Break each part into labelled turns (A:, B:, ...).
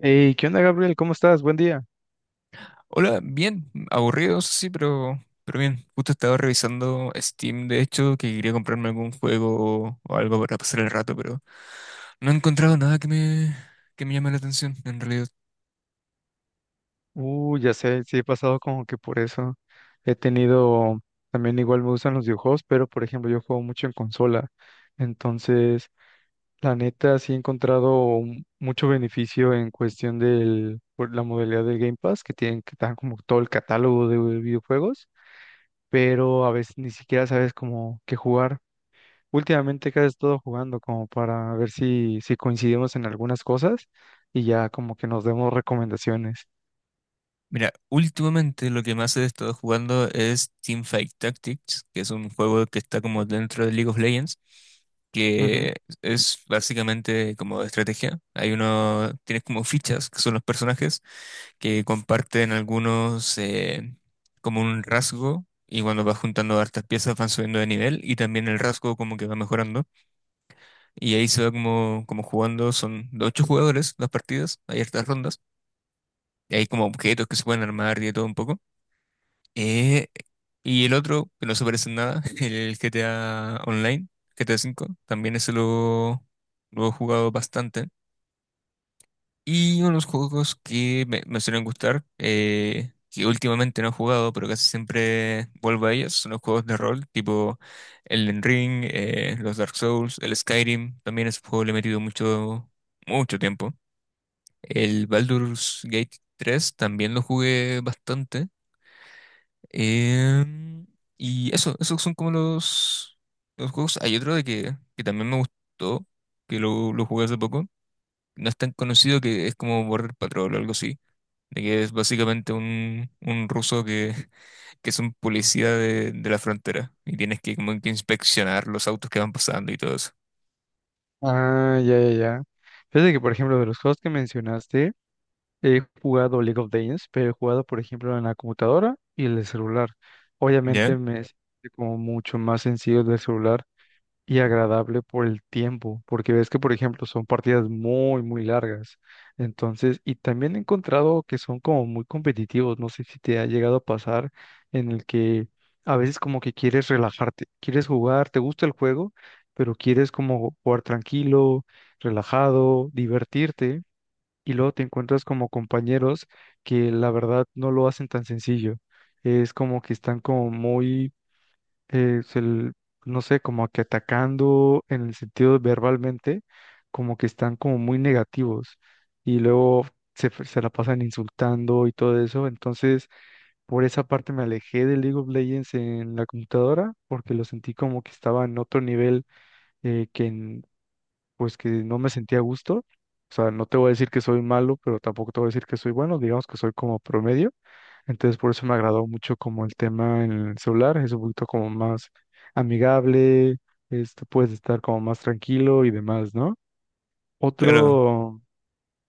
A: Hey, ¿qué onda, Gabriel? ¿Cómo estás? Buen día.
B: Hola, bien, aburrido, eso sí, pero bien. Justo estaba revisando Steam, de hecho, que quería comprarme algún juego o algo para pasar el rato, pero no he encontrado nada que me llame la atención, en realidad.
A: Ya sé, sí he pasado como que por eso. He tenido, También igual me gustan los videojuegos, pero por ejemplo yo juego mucho en consola. Entonces, la neta sí he encontrado mucho beneficio en cuestión por la modalidad del Game Pass, que tienen que dan como todo el catálogo de videojuegos, pero a veces ni siquiera sabes como qué jugar. Últimamente casi he estado jugando como para ver si coincidimos en algunas cosas y ya como que nos demos recomendaciones.
B: Mira, últimamente lo que más he estado jugando es Teamfight Tactics, que es un juego que está como dentro de League of Legends,
A: Ujú.
B: que es básicamente como de estrategia. Hay uno, tienes como fichas, que son los personajes, que comparten algunos como un rasgo y cuando vas juntando hartas piezas van subiendo de nivel y también el rasgo como que va mejorando y ahí se va como jugando. Son de ocho jugadores las partidas, hay hartas rondas y hay como objetos que se pueden armar y de todo un poco. Eh, y el otro, que no se parece en nada, el GTA Online, GTA 5 también ese lo he jugado bastante. Y unos juegos que me suelen gustar, que últimamente no he jugado, pero casi siempre vuelvo a ellos, son los juegos de rol, tipo Elden Ring, los Dark Souls, el Skyrim, también ese juego le he metido mucho, mucho tiempo. El Baldur's Gate 3 también lo jugué bastante. em, y eso, esos son como los juegos. Hay otro de que también me gustó, que lo jugué hace poco. No es tan conocido, que es como Border Patrol o algo así, de que es básicamente un ruso que, que es un policía de la frontera, y tienes que como que inspeccionar los autos que van pasando y todo eso.
A: Ah, ya, ya, ya. Fíjate que, por ejemplo, de los juegos que mencionaste, he jugado League of Legends, pero he jugado, por ejemplo, en la computadora y en el celular.
B: ¿Ya?
A: Obviamente me es como mucho más sencillo el del celular y agradable por el tiempo, porque ves que, por ejemplo, son partidas muy, muy largas. Entonces, y también he encontrado que son como muy competitivos. No sé si te ha llegado a pasar en el que a veces como que quieres relajarte, quieres jugar, te gusta el juego, pero quieres como jugar tranquilo, relajado, divertirte, y luego te encuentras como compañeros que la verdad no lo hacen tan sencillo. Es como que están como muy eh, se l- no sé, como que atacando en el sentido verbalmente, como que están como muy negativos y luego se la pasan insultando y todo eso. Entonces, por esa parte me alejé de League of Legends en la computadora porque lo sentí como que estaba en otro nivel, eh, que en- pues que no me sentía a gusto. O sea, no te voy a decir que soy malo, pero tampoco te voy a decir que soy bueno, digamos que soy como promedio, entonces por eso me agradó mucho como el tema en el celular, es un poquito como más amigable, este, puedes estar como más tranquilo y demás, ¿no?
B: Claro.
A: Otro,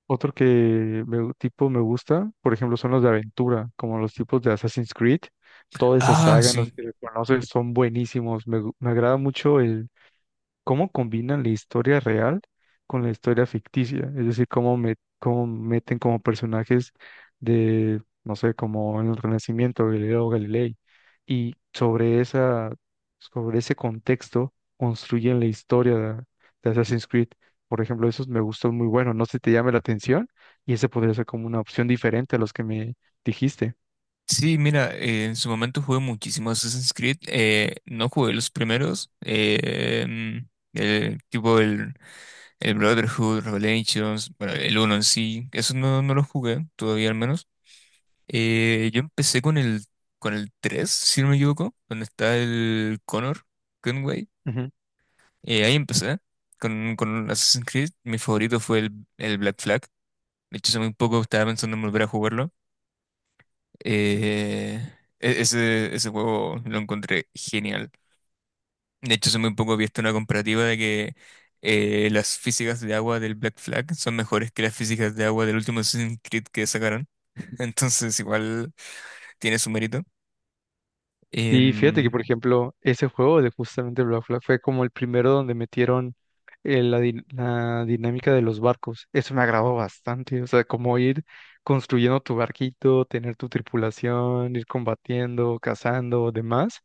A: otro que tipo me gusta, por ejemplo, son los de aventura, como los tipos de Assassin's Creed, toda esa
B: Ah,
A: saga, no sé
B: sí.
A: si lo conoces, son buenísimos, me agrada mucho el cómo combinan la historia real con la historia ficticia, es decir, cómo meten como personajes de, no sé, como en el Renacimiento, Galileo Galilei, y sobre ese contexto construyen la historia de Assassin's Creed. Por ejemplo, esos me gustó muy bueno, no sé si te llame la atención, y ese podría ser como una opción diferente a los que me dijiste.
B: Sí, mira, en su momento jugué muchísimo Assassin's Creed. No jugué los primeros. El tipo el, el Brotherhood, Revelations, bueno, el uno en sí. Eso no, no lo jugué todavía, al menos. Yo empecé con el tres, si no me equivoco, donde está el Connor Gunway. Ahí empecé con Assassin's Creed. Mi favorito fue el Black Flag. De hecho, hace muy poco estaba pensando en volver a jugarlo. Eh, ese juego lo encontré genial. De hecho, hace muy poco he visto una comparativa de que las físicas de agua del Black Flag son mejores que las físicas de agua del último Assassin's Creed que sacaron. Entonces, igual tiene su mérito.
A: Y fíjate que, por
B: Em,
A: ejemplo, ese juego de justamente Black Flag fue como el primero donde metieron, la dinámica de los barcos. Eso me agradó bastante. O sea, como ir construyendo tu barquito, tener tu tripulación, ir combatiendo, cazando, demás.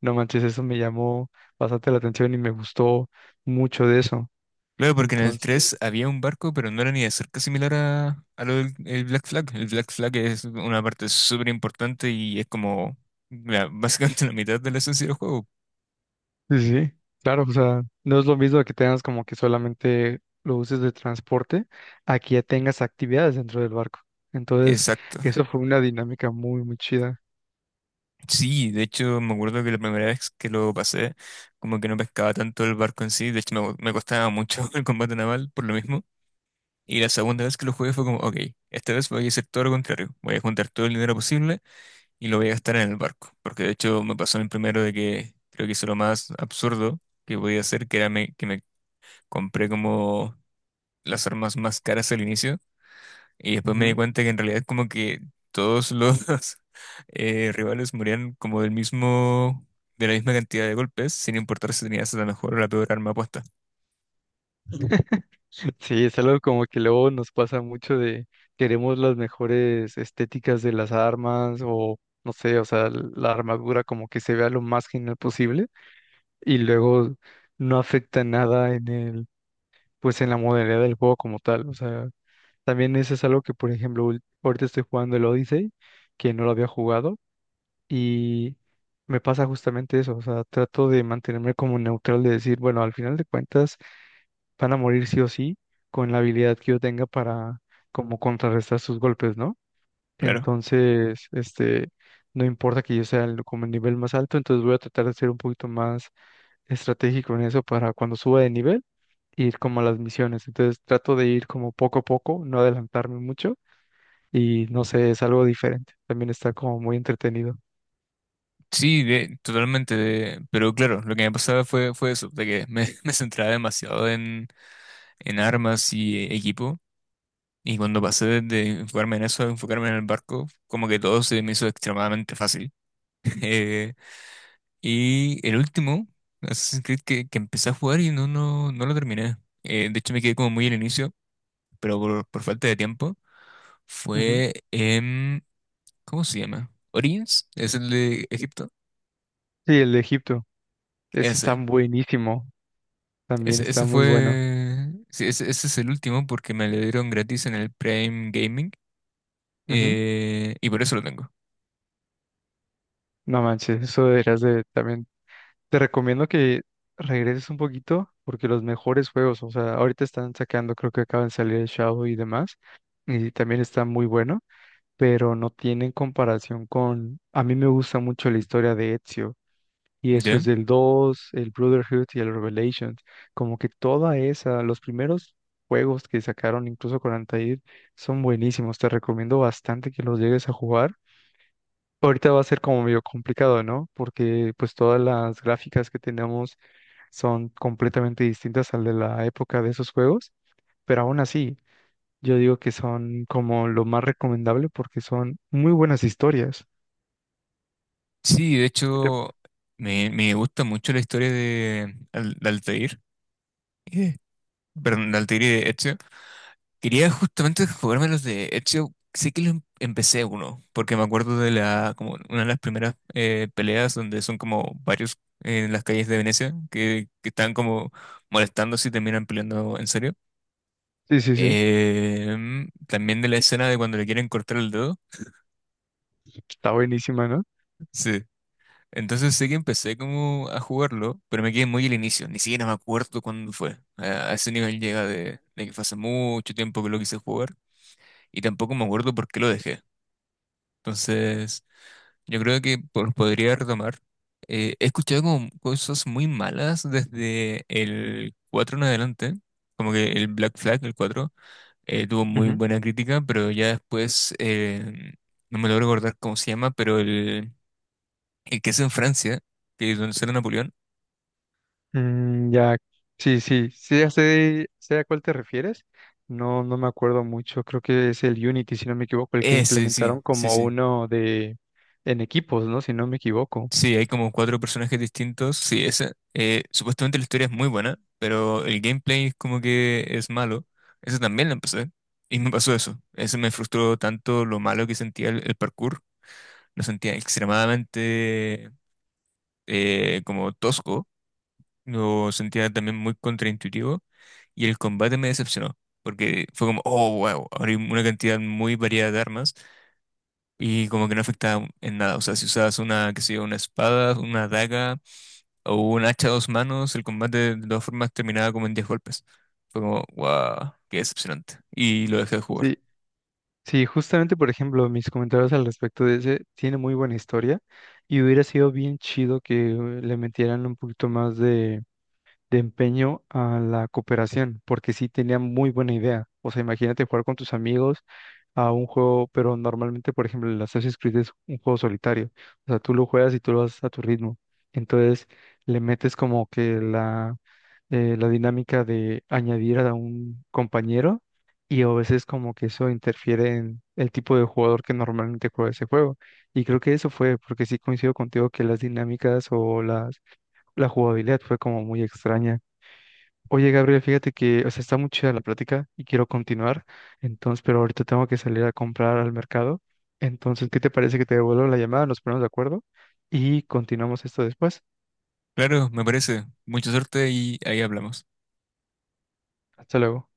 A: No manches, eso me llamó bastante la atención y me gustó mucho de eso.
B: Claro, porque en el 3 había un barco, pero no era ni de cerca similar a lo del el Black Flag. El Black Flag es una parte súper importante y es como la- básicamente la mitad de la esencia del juego.
A: Sí, sí, sí, claro, o sea, no es lo mismo que tengas como que solamente lo uses de transporte, a que ya tengas actividades dentro del barco. Entonces,
B: Exacto.
A: eso fue una dinámica muy, muy chida.
B: Sí, de hecho me acuerdo que la primera vez que lo pasé, como que no pescaba tanto el barco en sí. De hecho me costaba mucho el combate naval por lo mismo. Y la segunda vez que lo jugué fue como, ok, esta vez voy a hacer todo lo contrario, voy a juntar todo el dinero posible y lo voy a gastar en el barco, porque de hecho me pasó en el primero de que creo que hice lo más absurdo que podía hacer, que era que me compré como las armas más caras al inicio, y después me di
A: Ujú.
B: cuenta que en realidad como que todos los rivales morían como de la misma cantidad de golpes, sin importar si tenías la mejor o la peor arma puesta.
A: Sí, es algo como que luego nos pasa mucho de queremos las mejores estéticas de las armas o no sé, o sea, la armadura como que se vea lo más genial posible y luego no afecta nada en el, pues en la modalidad del juego como tal. O sea, también eso es algo que, por ejemplo, ahorita estoy jugando el Odyssey, que no lo había jugado, y me pasa justamente eso, o sea, trato de mantenerme como neutral, de decir, bueno, al final de cuentas van a morir sí o sí con la habilidad que yo tenga para como contrarrestar sus golpes, ¿no?
B: Claro.
A: Entonces, este, no importa que yo sea como el nivel más alto, entonces voy a tratar de ser un poquito más estratégico en eso para cuando suba de nivel, ir como a las misiones. Entonces trato de ir como poco a poco, no adelantarme mucho y no sé, es algo diferente. También está como muy entretenido.
B: Sí, de- totalmente, pero claro, lo que me pasaba fue, eso, de que me, me centraba demasiado en armas y equipo. Y cuando pasé de enfocarme en eso a enfocarme en el barco, como que todo se me hizo extremadamente fácil. Eh, y el último Assassin's Creed, que empecé a jugar y no, no lo terminé. De hecho, me quedé como muy al inicio, pero por falta de tiempo,
A: Ujú.
B: fue en... ¿Cómo se llama? Origins, es el de Egipto.
A: Sí, el de Egipto. Ese está
B: Ese.
A: buenísimo. También
B: Ese,
A: está
B: ese
A: muy bueno.
B: fue... sí, ese es el último porque me lo dieron gratis en el Prime Gaming.
A: Ujú.
B: Y por eso lo tengo.
A: No manches, eso deberías de también. Te recomiendo que regreses un poquito porque los mejores juegos, o sea, ahorita están sacando, creo que acaban de salir el Shadow y demás. Y también está muy bueno, pero no tienen comparación con... A mí me gusta mucho la historia de Ezio. Y eso es
B: ¿Ya?
A: del 2 el Brotherhood y el Revelations. Como que toda esa, los primeros juegos que sacaron, incluso con Altair, son buenísimos. Te recomiendo bastante que los llegues a jugar. Ahorita va a ser como medio complicado, ¿no? Porque pues todas las gráficas que tenemos son completamente distintas al de la época de esos juegos, pero aún así, yo digo que son como lo más recomendable porque son muy buenas historias.
B: Sí, de
A: ¿Qué te-
B: hecho, me gusta mucho la historia de Altair, eh, perdón, de Altair y de Ezio. Quería justamente jugarme los de Ezio, sí que los empecé uno, porque me acuerdo como una de las primeras peleas donde son como varios en las calles de Venecia, que están como molestando, si terminan peleando en serio.
A: Sí, sí, sí.
B: También de la escena de cuando le quieren cortar el dedo.
A: Está buenísima, ¿no?
B: Sí. Entonces sé que empecé como a jugarlo, pero me quedé muy al inicio, ni siquiera me acuerdo cuándo fue. A ese nivel llega, de que fue hace mucho tiempo que lo quise jugar, y tampoco me acuerdo por qué lo dejé. Entonces yo creo que podría retomar. He escuchado como cosas muy malas desde el 4 en adelante, como que el Black Flag, el 4 tuvo muy
A: Ujú.
B: buena crítica, pero ya después no me logro recordar cómo se llama, pero el que es en Francia, que es donde sale Napoleón.
A: Mm, ya, sí, sí, sí, ya sé, a cuál te refieres. No, no me acuerdo mucho. Creo que es el Unity, si no me equivoco, el que
B: Ese, sí,
A: implementaron
B: sí, sí.
A: como
B: Sí,
A: uno de en equipos, ¿no? Si no me equivoco.
B: sí, hay como cuatro personajes distintos. Sí, ese. Supuestamente la historia es muy buena, pero el gameplay es como que es malo. Ese también lo empecé. Y me pasó eso. Ese me frustró tanto lo malo que sentía el parkour. Lo sentía extremadamente como tosco. Lo sentía también muy contraintuitivo. Y el combate me decepcionó, porque fue como, oh, wow, ahora hay una cantidad muy variada de armas, y como que no afectaba en nada. O sea, si usabas una, qué sé yo, una espada, una daga o un hacha a dos manos, el combate de todas formas terminaba como en 10 golpes. Fue como, wow, qué decepcionante. Y lo dejé de jugar.
A: Sí, sí, justamente, por ejemplo, mis comentarios al respecto de ese tiene muy buena historia y hubiera sido bien chido que le metieran un poquito más de empeño a la cooperación, porque sí tenía muy buena idea. O sea, imagínate jugar con tus amigos a un juego, pero normalmente, por ejemplo, el Assassin's Creed es un juego solitario. O sea, tú lo juegas y tú lo haces a tu ritmo. Entonces, le metes como que la dinámica de añadir a un compañero y a veces como que eso interfiere en el tipo de jugador que normalmente juega ese juego. Y creo que eso fue, porque sí coincido contigo que las dinámicas o la jugabilidad fue como muy extraña. Oye, Gabriel, fíjate que, o sea, está muy chida la plática y quiero continuar, entonces, pero ahorita tengo que salir a comprar al mercado. Entonces, ¿qué te parece que te devuelvo la llamada? Nos ponemos de acuerdo y continuamos esto después.
B: Claro, me parece. Mucha suerte y ahí hablamos.
A: Hasta luego.